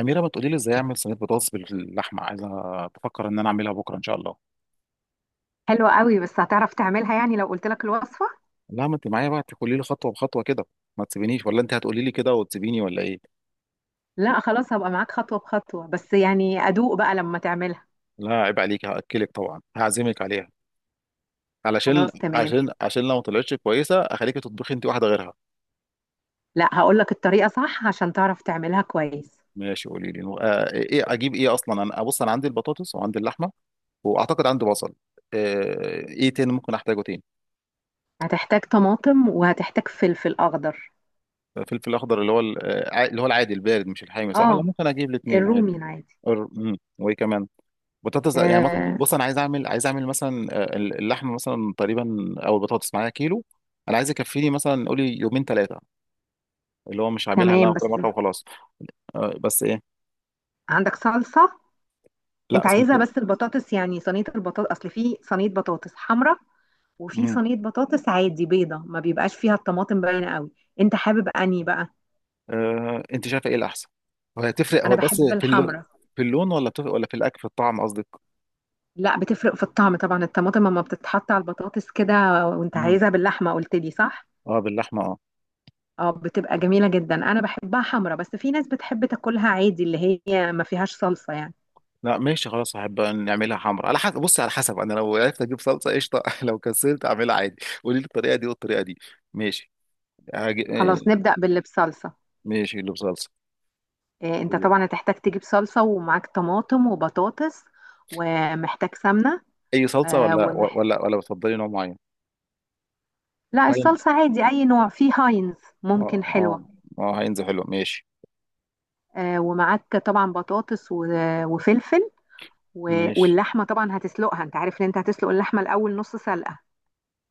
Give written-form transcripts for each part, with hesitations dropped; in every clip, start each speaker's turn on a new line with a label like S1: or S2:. S1: اميره، ما تقولي لي ازاي اعمل صينيه بطاطس باللحمه؟ عايزه بفكر ان انا اعملها بكره ان شاء الله.
S2: حلوة قوي، بس هتعرف تعملها يعني لو قلت لك الوصفة؟
S1: لا، ما انت معايا بقى تقولي لي خطوه بخطوه كده. ما تسيبينيش. ولا انت هتقولي لي كده وتسيبيني ولا ايه؟
S2: لا، خلاص هبقى معاك خطوة بخطوة، بس يعني أدوق بقى لما تعملها.
S1: لا عيب عليك، هاكلك طبعا، هعزمك عليها. علشان
S2: خلاص، تمام.
S1: عشان لو ما طلعتش كويسه اخليكي تطبخي انت واحده غيرها.
S2: لا، هقول لك الطريقة صح عشان تعرف تعملها كويس.
S1: ماشي، قولي لي. ايه اجيب ايه اصلا؟ انا بص، انا عندي البطاطس وعندي اللحمه واعتقد عندي بصل. آه، ايه تاني ممكن احتاجه تاني؟
S2: هتحتاج طماطم، وهتحتاج فلفل أخضر.
S1: فلفل اخضر، اللي هو اللي هو العادي البارد، مش الحامي صح؟ ولا
S2: اه،
S1: ممكن اجيب الاثنين عادي؟
S2: الرومي العادي.
S1: وايه كمان؟ بطاطس يعني
S2: آه،
S1: بص، انا عايز اعمل مثلا، اللحم مثلا تقريبا، او البطاطس معايا كيلو. انا عايز يكفيني مثلا، قولي يومين ثلاثه، اللي هو مش هعملها
S2: تمام،
S1: لا كل
S2: بس
S1: مره وخلاص. بس ايه؟
S2: عندك صلصة؟
S1: لا
S2: انت
S1: أصل انت،
S2: عايزها؟ بس البطاطس يعني صينية البطاطس، اصل في صينية بطاطس حمراء، وفي
S1: مهم.
S2: صينية بطاطس عادي بيضة ما بيبقاش فيها الطماطم باينة قوي. انت حابب انهي بقى؟
S1: آه، انت شايفه ايه الاحسن؟ هو هتفرق؟
S2: انا
S1: بس
S2: بحب
S1: في اللون،
S2: الحمراء.
S1: في اللون ولا بتفرق؟ ولا في الاكل، في الطعم قصدك؟
S2: لا، بتفرق في الطعم طبعا، الطماطم لما بتتحط على البطاطس كده. وانت
S1: مم.
S2: عايزها باللحمه قلت لي، صح؟
S1: اه باللحمه اه.
S2: اه، بتبقى جميله جدا، انا بحبها حمرا، بس في ناس بتحب تاكلها عادي اللي هي ما فيهاش صلصه يعني.
S1: لا ماشي، خلاص هحب نعملها حمرا. على حسب، بص على حسب، انا لو عرفت اجيب صلصه قشطه لو كسلت اعملها عادي. قولي لي الطريقه دي والطريقه دي. ماشي. هاجي...
S2: خلاص،
S1: آه،
S2: نبدا باللي بصلصه.
S1: ماشي، اللي بصلصه.
S2: إيه، انت
S1: أوكي.
S2: طبعا هتحتاج تجيب صلصه، ومعاك طماطم وبطاطس. ومحتاج سمنه.
S1: اي صلصه
S2: آه
S1: ولا
S2: ومح...
S1: ولا ولا بتفضلي نوع معين؟
S2: لا،
S1: فاهم.
S2: الصلصه عادي، اي نوع، في هاينز.
S1: اه
S2: ممكن
S1: اه.
S2: حلوه.
S1: اه هينزل حلو، ماشي.
S2: ومعاك طبعا بطاطس وفلفل
S1: ماشي
S2: واللحمه طبعا هتسلقها، انت عارف ان انت هتسلق اللحمه الاول نص سلقه.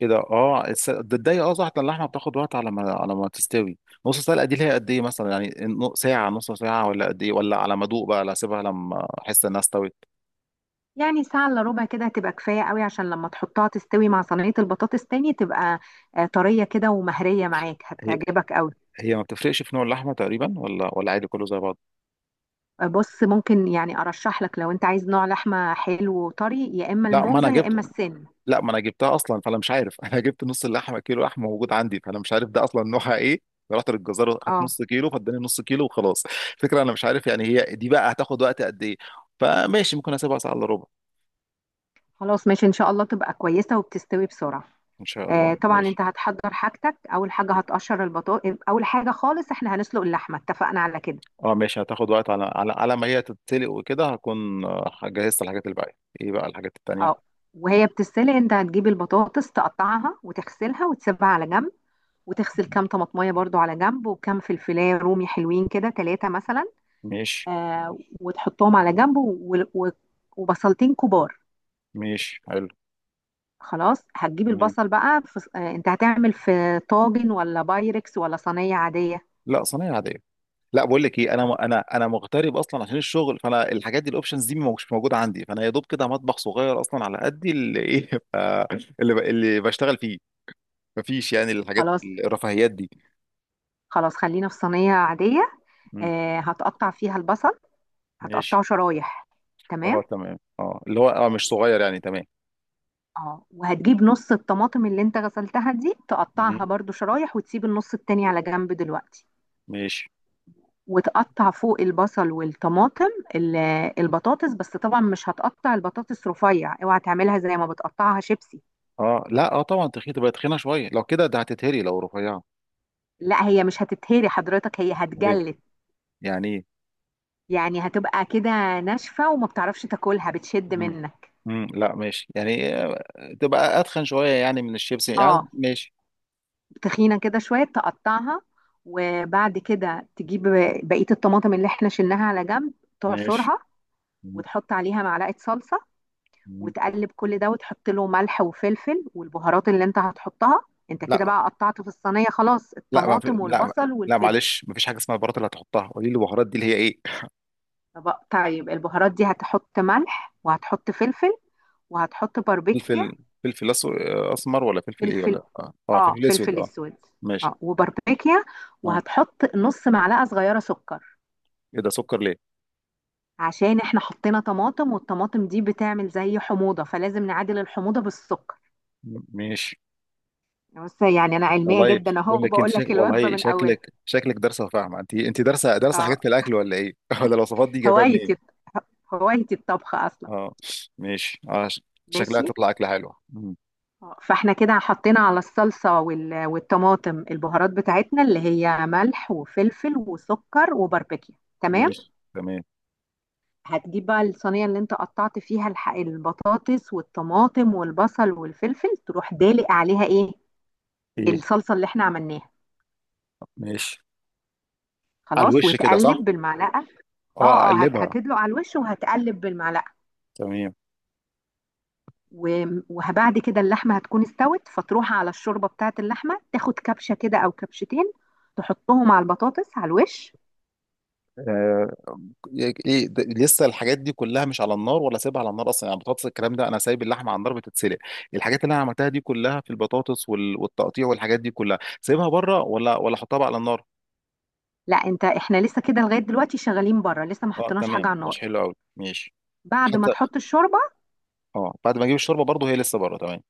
S1: كده. اه تتضايق، اه صح، ده اللحمه بتاخد وقت على ما تستوي. نص سلقه دي اللي هي قد ايه مثلا يعني، ساعه، نص ساعه، ولا قد ايه؟ ولا على ما ادوق بقى، لا، اسيبها لما احس انها استوت.
S2: يعني ساعة إلا ربع كده هتبقى كفاية قوي، عشان لما تحطها تستوي مع صينية البطاطس تاني تبقى طرية كده ومهرية، معاك
S1: هي
S2: هتعجبك قوي.
S1: هي ما بتفرقش في نوع اللحمه تقريبا ولا ولا؟ عادي كله زي بعض؟
S2: آه، بص ممكن يعني أرشح لك لو أنت عايز نوع لحمة حلو وطري، يا إما
S1: لا ما انا
S2: الموزة يا
S1: جبت،
S2: إما السن.
S1: لا ما انا جبتها اصلا فانا مش عارف انا جبت نص اللحمه، كيلو لحمه موجود عندي، فانا مش عارف ده اصلا نوعها ايه. رحت للجزار اخدت
S2: اه،
S1: نص كيلو فاداني نص كيلو وخلاص. الفكره انا مش عارف يعني هي دي بقى هتاخد وقت قد ايه. فماشي، ممكن اسيبها ساعه الا ربع.
S2: خلاص، ماشي، إن شاء الله تبقى كويسة وبتستوي بسرعة.
S1: ان شاء
S2: آه،
S1: الله.
S2: طبعا أنت
S1: ماشي.
S2: هتحضر حاجتك، أول حاجة هتقشر البطاطس، أول حاجة خالص. إحنا هنسلق اللحمة اتفقنا على كده.
S1: اه ماشي، هتاخد وقت على ما هي تتسلق وكده، هكون آه، جهزت الحاجات الباقيه. ايه بقى الحاجات التانيه؟
S2: اه، وهي بتتسلق أنت هتجيب البطاطس تقطعها وتغسلها وتسيبها على جنب. وتغسل كام طماطمية برضو على جنب، وكام فلفلاية رومي حلوين كده ثلاثة مثلا.
S1: ماشي.
S2: وتحطهم على جنب وبصلتين كبار.
S1: ماشي حلو.
S2: خلاص، هتجيب
S1: تمام.
S2: البصل بقى في انت هتعمل في طاجن ولا بايركس ولا صينية عادية؟
S1: لا صينيه عاديه. لا بقول لك ايه، انا
S2: طيب.
S1: انا انا مغترب اصلا عشان الشغل، فانا الحاجات دي، الاوبشنز دي مش موجوده عندي، فانا يا دوب كده مطبخ صغير اصلا على قدي، اللي ايه اللي بشتغل فيه. مفيش يعني الحاجات
S2: خلاص
S1: الرفاهيات دي.
S2: خلاص خلينا في صينية عادية.
S1: مم.
S2: آه، هتقطع فيها البصل.
S1: ماشي.
S2: هتقطعه شرايح. تمام.
S1: اه تمام، اه اللي هو اه مش صغير يعني، تمام.
S2: اه، وهتجيب نص الطماطم اللي انت غسلتها دي تقطعها
S1: مم.
S2: برضو شرايح، وتسيب النص التاني على جنب دلوقتي.
S1: ماشي.
S2: وتقطع فوق البصل والطماطم ال- البطاطس، بس طبعا مش هتقطع البطاطس رفيع، اوعى تعملها زي ما بتقطعها شيبسي.
S1: اه لا اه طبعا تخينه، تبقى تخينه شويه، لو كده ده هتتهري لو رفيعه.
S2: لا، هي مش هتتهري حضرتك، هي
S1: ليه؟
S2: هتجلد.
S1: يعني ايه؟
S2: يعني هتبقى كده ناشفة وما بتعرفش تاكلها بتشد
S1: مم.
S2: منك.
S1: مم. لا ماشي يعني، آه، تبقى اتخن شويه يعني من الشيبسي يعني،
S2: اه،
S1: ماشي.
S2: تخينة كده شوية تقطعها. وبعد كده تجيب بقية الطماطم اللي احنا شلناها على جنب،
S1: ماشي.
S2: تعصرها،
S1: مم.
S2: وتحط عليها معلقة صلصة.
S1: مم.
S2: وتقلب كل ده وتحط له ملح وفلفل والبهارات اللي انت هتحطها. انت
S1: لا.
S2: كده بقى قطعت في الصينية خلاص
S1: لا ما في...
S2: الطماطم
S1: لا.
S2: والبصل
S1: لا
S2: والفلفل.
S1: معلش، مفيش حاجه اسمها البهارات اللي هتحطها، قولي لي البهارات دي اللي هي ايه.
S2: طيب البهارات دي هتحط ملح، وهتحط فلفل، وهتحط باربيكيا.
S1: فلفل. فلفل أس... اسمر ولا فلفل ايه؟
S2: فلفل،
S1: ولا اه, آه
S2: اه
S1: فلفل اسود
S2: فلفل
S1: اه.
S2: اسود،
S1: ماشي.
S2: اه. وباربيكيا.
S1: اه.
S2: وهتحط نص معلقة صغيرة سكر.
S1: ايه ده، سكر ليه؟
S2: عشان احنا حطينا طماطم، والطماطم دي بتعمل زي حموضة، فلازم نعادل الحموضة بالسكر.
S1: ماشي.
S2: بس يعني انا علمية
S1: والله
S2: جدا اهو،
S1: بقول لك انت
S2: بقول لك الوجبة
S1: والله
S2: من اولها.
S1: شكلك، شكلك دارسه وفاهمه، انت انت دارسه، دارسه حاجات
S2: اه،
S1: في الاكل ولا ايه؟ ولا الوصفات دي جايبها منين؟
S2: هوايتي هوايتي الطبخ اصلا.
S1: اه ماشي. اه شكلها
S2: ماشي.
S1: تطلع اكله حلوه. مم.
S2: فاحنا كده حطينا على الصلصة والطماطم البهارات بتاعتنا اللي هي ملح وفلفل وسكر وباربيكيا. تمام.
S1: ماشي تمام.
S2: هتجيب بقى الصينية اللي انت قطعت فيها البطاطس والطماطم والبصل والفلفل، تروح دالق عليها ايه؟
S1: ايه؟
S2: الصلصة اللي احنا عملناها.
S1: ماشي. على
S2: خلاص،
S1: الوش كده صح؟
S2: وتقلب بالمعلقة.
S1: اه
S2: اه، اه،
S1: اقلبها.
S2: هتدلق على الوش، وهتقلب بالمعلقة.
S1: تمام.
S2: وبعد كده اللحمة هتكون استوت، فتروح على الشوربة بتاعة اللحمة، تاخد كبشة كده أو كبشتين تحطهم على البطاطس على الوش.
S1: آه، ايه ده، لسه الحاجات دي كلها مش على النار ولا سايبها على النار اصلا يعني؟ البطاطس، الكلام ده، انا سايب اللحمه على النار بتتسلق، الحاجات اللي انا عملتها دي كلها في البطاطس والتقطيع والحاجات دي كلها سايبها بره ولا ولا احطها بقى على النار؟
S2: لا، انت احنا لسه كده لغاية دلوقتي شغالين بره، لسه ما
S1: اه
S2: حطيناش حاجة على
S1: تمام، مش
S2: النار.
S1: حلو قوي، ماشي.
S2: بعد ما
S1: حتى
S2: تحط الشوربة.
S1: اه بعد ما اجيب الشوربه برضه هي لسه بره؟ تمام.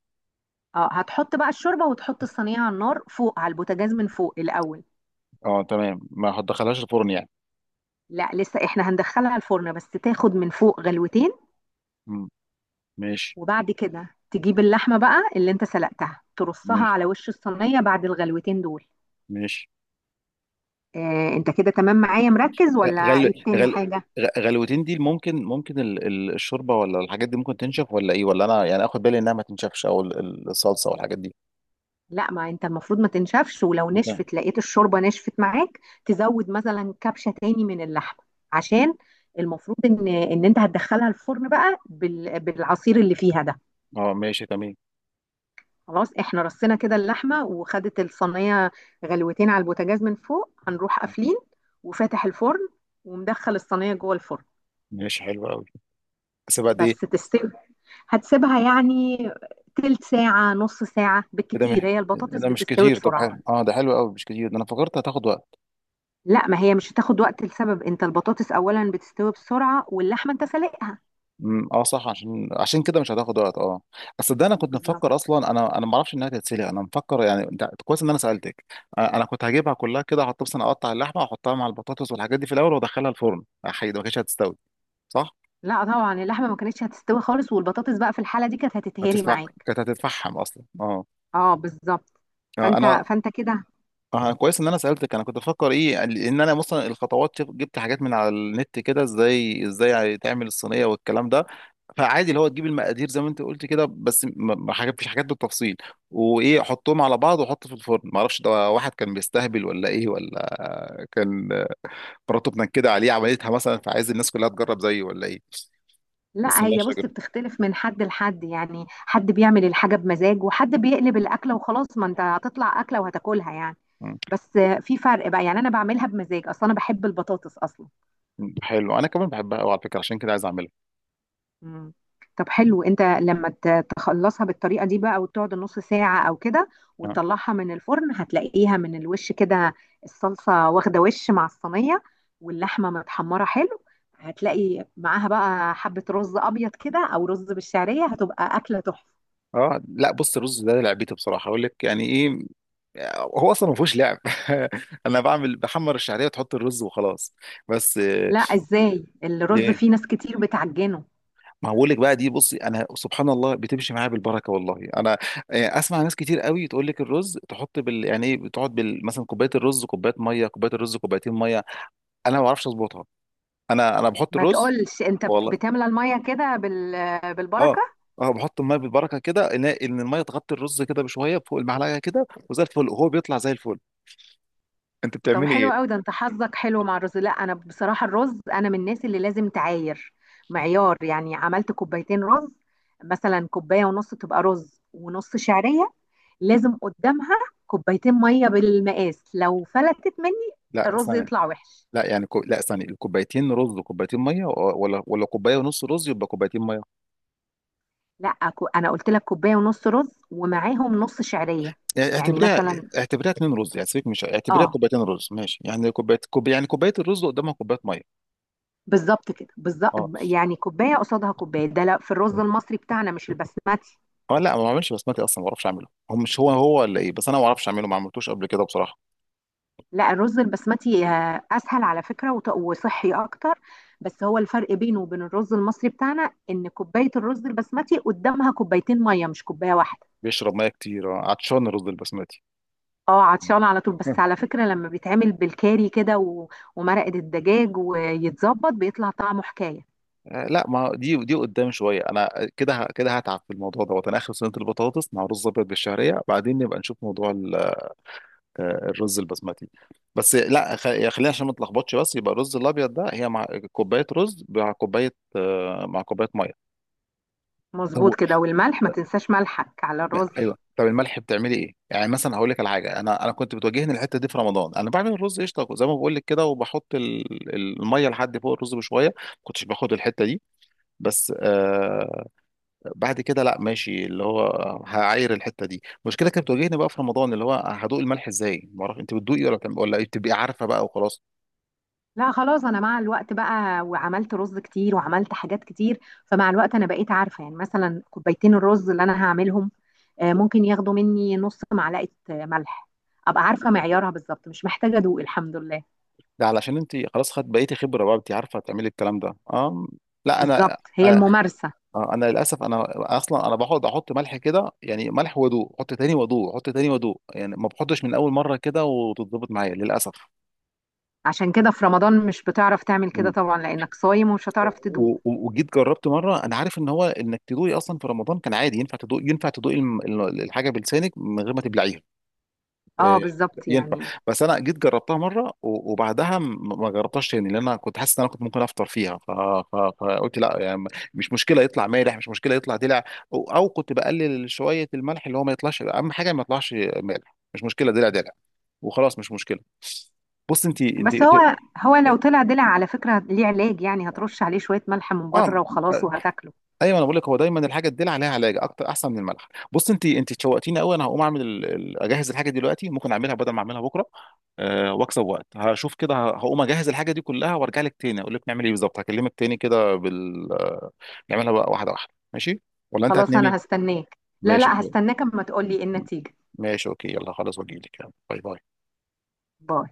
S2: اه، هتحط بقى الشوربة، وتحط الصينية على النار فوق على البوتاجاز من فوق الأول.
S1: اه تمام، ما هتدخلهاش الفرن يعني.
S2: لا، لسه احنا هندخلها الفرن، بس تاخد من فوق غلوتين.
S1: مم. ماشي.
S2: وبعد كده تجيب اللحمة بقى اللي انت سلقتها، ترصها
S1: ماشي.
S2: على وش الصينية بعد الغلوتين دول.
S1: ماشي.
S2: آه، انت كده تمام معايا مركز
S1: آه،
S2: ولا عيد تاني حاجة؟
S1: غلوتين دي ممكن ممكن الشوربه ولا الحاجات دي ممكن تنشف ولا ايه؟ ولا انا يعني اخد بالي انها ما تنشفش او الصلصه والحاجات دي؟
S2: لا، ما انت المفروض ما تنشفش، ولو نشفت لقيت الشوربة نشفت معاك تزود مثلا كبشة تاني من اللحمة. عشان المفروض ان انت هتدخلها الفرن بقى بالعصير اللي فيها ده.
S1: اه ماشي تمام.
S2: خلاص احنا رصينا كده اللحمة، وخدت الصينية غلوتين على البوتاجاز من فوق، هنروح قافلين وفاتح الفرن، ومدخل الصينية جوه الفرن.
S1: ماشي حلو قوي. بس بعد ايه؟
S2: بس تستوي. هتسيبها يعني تلت ساعة نص ساعة
S1: إيه ده مش
S2: بالكتير، هي
S1: إيه
S2: البطاطس
S1: ده مش
S2: بتستوي
S1: كتير؟ طب
S2: بسرعة.
S1: حلو، اه ده حلو قوي، مش كتير، ده انا فكرت هتاخد وقت.
S2: لا، ما هي مش هتاخد وقت لسبب انت البطاطس اولا بتستوي بسرعة، واللحمة انت سلقها.
S1: اه صح، عشان كده مش هتاخد وقت اه. بس ده انا كنت
S2: بالظبط.
S1: مفكر اصلا، انا ما اعرفش انها تتسلق، انا مفكر يعني، انت كويس ان انا سالتك. انا أنا كنت هجيبها كلها كده، احط مثلا، اقطع اللحمه واحطها مع البطاطس والحاجات دي في الاول وادخلها الفرن، حقيقي ما كانتش هتستوي. صح؟
S2: لا، طبعا اللحمة ما كانتش هتستوي خالص، والبطاطس بقى في الحالة دي كانت هتتهري
S1: هتدفع،
S2: معاك.
S1: كانت هتتفحم اصلا اه.
S2: اه، بالظبط.
S1: آه،
S2: فانت
S1: انا،
S2: فانت كده.
S1: اه كويس ان انا سالتك. انا كنت بفكر ايه، ان انا مثلا الخطوات جبت حاجات من على النت كده ازاي تعمل الصينيه والكلام ده. فعادي اللي هو تجيب المقادير زي ما انت قلت كده، بس ما ما حاجات، مفيش حاجات بالتفصيل. وايه، حطهم على بعض وحط في الفرن، ما اعرفش ده واحد كان بيستهبل ولا ايه؟ ولا كان آه، مراته بتنكد عليه عملتها مثلا فعايز الناس كلها تجرب زيه ولا ايه؟ بس
S2: لا، هي
S1: ماشي
S2: بص
S1: يا جدع.
S2: بتختلف من حد لحد، يعني حد بيعمل الحاجة بمزاج وحد بيقلب الأكلة وخلاص، ما انت هتطلع أكلة وهتاكلها يعني.
S1: مم.
S2: بس في فرق بقى، يعني أنا بعملها بمزاج أصلا، أنا بحب البطاطس أصلا.
S1: حلو، انا كمان بحبها قوي على فكره، عشان كده عايز اعملها.
S2: مم. طب حلو، انت لما تخلصها بالطريقة دي بقى وتقعد نص ساعة أو كده
S1: آه.
S2: وتطلعها من الفرن، هتلاقيها من الوش كده الصلصة واخدة وش مع الصينية، واللحمة متحمرة حلو. هتلاقي معاها بقى حبة رز أبيض كده أو رز بالشعرية، هتبقى أكلة تحفة.
S1: اه لا بص، الرز ده لعبتي بصراحه، اقول لك يعني ايه، هو اصلا ما فيهوش لعب انا بعمل، بحمر الشعريه وتحط الرز وخلاص. بس آه،
S2: لا، ازاي الرز
S1: ليه؟
S2: فيه ناس كتير بتعجنه؟
S1: ما هقول لك بقى، دي بصي انا سبحان الله بتمشي معايا بالبركه والله. انا آه، اسمع، ناس كتير قوي تقول لك الرز تحط بال يعني ايه، بتقعد بال مثلا كوبايه الرز كوبايه ميه، كوبايه الرز كوبايتين ميه، انا ما بعرفش اظبطها. انا بحط
S2: ما
S1: الرز
S2: تقولش انت
S1: والله.
S2: بتملى الميه كده
S1: اه.
S2: بالبركه.
S1: اه بحط الميه بالبركه كده، ان إن الميه تغطي الرز كده بشويه فوق المعلقه كده، وزي الفل وهو بيطلع زي الفل. انت
S2: طب
S1: بتعملي ايه؟
S2: حلو قوي، ده انت حظك حلو مع الرز. لا، انا بصراحه الرز انا من الناس اللي لازم تعاير، معيار، يعني عملت كوبايتين رز مثلا كوبايه ونص تبقى رز ونص شعريه، لازم قدامها كوبايتين ميه بالمقاس، لو فلتت مني
S1: لا
S2: الرز
S1: ثانية.
S2: يطلع وحش.
S1: لا يعني لا ثانية، الكوبايتين رز وكوبايتين مية؟ ولا ولا كوباية ونص رز يبقى كوبايتين مية؟
S2: لا، انا قلت لك كوبايه ونص رز ومعاهم نص شعريه.
S1: يعني
S2: يعني
S1: اعتبريها،
S2: مثلا.
S1: اعتبريها اتنين رز يعني، سيبك، مش اعتبريها
S2: اه،
S1: كوبايتين رز ماشي، يعني كوباية يعني كوباية الرز قدامها كوباية مية.
S2: بالظبط كده بالظبط.
S1: اه.
S2: يعني كوبايه قصادها كوبايه، ده لا في الرز المصري بتاعنا مش البسمتي.
S1: اه لا ما بعملش بسمتي اصلا، ما بعرفش اعمله، هو مش هو ولا ايه؟ بس انا ما بعرفش اعمله، ما عملتوش قبل كده بصراحة.
S2: لا، الرز البسمتي اسهل على فكره وصحي اكتر. بس هو الفرق بينه وبين الرز المصري بتاعنا ان كوبايه الرز البسمتي قدامها كوبايتين ميه مش كوبايه واحده.
S1: بيشرب مية كتير، آه، عطشان الرز البسمتي.
S2: اه، عطشانه على طول، بس على فكره لما بيتعمل بالكاري كده ومرقه الدجاج ويتظبط بيطلع طعمه حكايه.
S1: آه، لا ما دي دي قدام شويه، انا كده كده هتعب في الموضوع دوت. انا اخر صينيه البطاطس مع رز ابيض بالشعريه، بعدين نبقى نشوف موضوع آه، الرز البسمتي. بس لا خلينا عشان ما نتلخبطش. بس يبقى الرز الابيض ده، هي مع كوبايه رز مع كوبايه آه، مع كوبايه ميه. طب
S2: مظبوط كده، والملح ما تنساش ملحك على الرز.
S1: ايوه، طب الملح بتعملي ايه يعني؟ مثلا هقول لك على حاجه، انا كنت بتواجهني الحته دي في رمضان، انا بعمل الرز قشطه زي ما بقول لك كده، وبحط الميه لحد فوق الرز بشويه، ما كنتش باخد الحته دي. بس آه، بعد كده، لا ماشي اللي هو هعاير الحته دي، المشكله كانت بتواجهني بقى في رمضان اللي هو هدوق الملح ازاي، ما اعرف، انت بتدوقي ولا ولا إيه؟ بتبقي عارفه بقى وخلاص؟
S2: لا، خلاص، انا مع الوقت بقى وعملت رز كتير وعملت حاجات كتير، فمع الوقت انا بقيت عارفه يعني مثلا كوبايتين الرز اللي انا هعملهم ممكن ياخدوا مني نص معلقه ملح. ابقى عارفه معيارها بالظبط، مش محتاجه ادوق الحمد لله.
S1: ده علشان انت خلاص خدت بقيتي خبره بقى، انت عارفه تعملي الكلام ده اه. لا انا،
S2: بالظبط، هي
S1: انا
S2: الممارسه.
S1: آه، أنا للاسف انا اصلا انا بقعد احط ملح كده يعني، ملح وضوء، احط تاني وضوء، احط تاني وضوء، يعني ما بحطش من اول مره كده وتتظبط معايا للاسف.
S2: عشان كده في رمضان مش بتعرف تعمل كده
S1: مم.
S2: طبعا، لانك صايم ومش هتعرف تدوق.
S1: وجيت جربت مره، انا عارف ان هو انك تدوقي اصلا في رمضان كان عادي، ينفع تدوقي، ينفع تدوقي الحاجه بلسانك من غير ما تبلعيها.
S2: اه،
S1: إيه،
S2: بالظبط
S1: ينفع.
S2: يعني.
S1: بس انا جيت جربتها مره وبعدها ما جربتهاش تاني، لان انا كنت حاسس ان انا كنت ممكن افطر فيها، فقلت لا يعني، مش مشكله يطلع مالح، مش مشكله يطلع دلع، او أو كنت بقلل شويه الملح اللي هو ما يطلعش، اهم حاجه ما يطلعش مالح، مش مشكله دلع، دلع وخلاص، مش مشكله. بص انت انت
S2: بس هو هو لو طلع دلع على فكره ليه علاج، يعني هترش عليه شويه ملح من
S1: اه.
S2: بره وخلاص وهتاكله.
S1: ايوه انا بقول لك، هو دايما الحاجه تدل عليها، علاج اكتر احسن من الملح. بص انت انت تشوقتيني قوي، انا هقوم اعمل اجهز الحاجه دلوقتي، ممكن اعملها بدل ما اعملها بكره. أه واكسب وقت، هشوف كده، هقوم اجهز الحاجه دي كلها وارجع لك تاني اقول لك نعمل ايه بالظبط، هكلمك تاني كده بال آه، نعملها بقى واحده واحده ماشي؟ ولا انت
S2: خلاص،
S1: هتنامي؟
S2: انا هستناك، لا
S1: ماشي
S2: لا،
S1: كويس.
S2: هستناك اما
S1: م-
S2: تقولي ايه
S1: م-
S2: النتيجه.
S1: ماشي اوكي، يلا خلاص واجيلك، يلا باي باي.
S2: باي.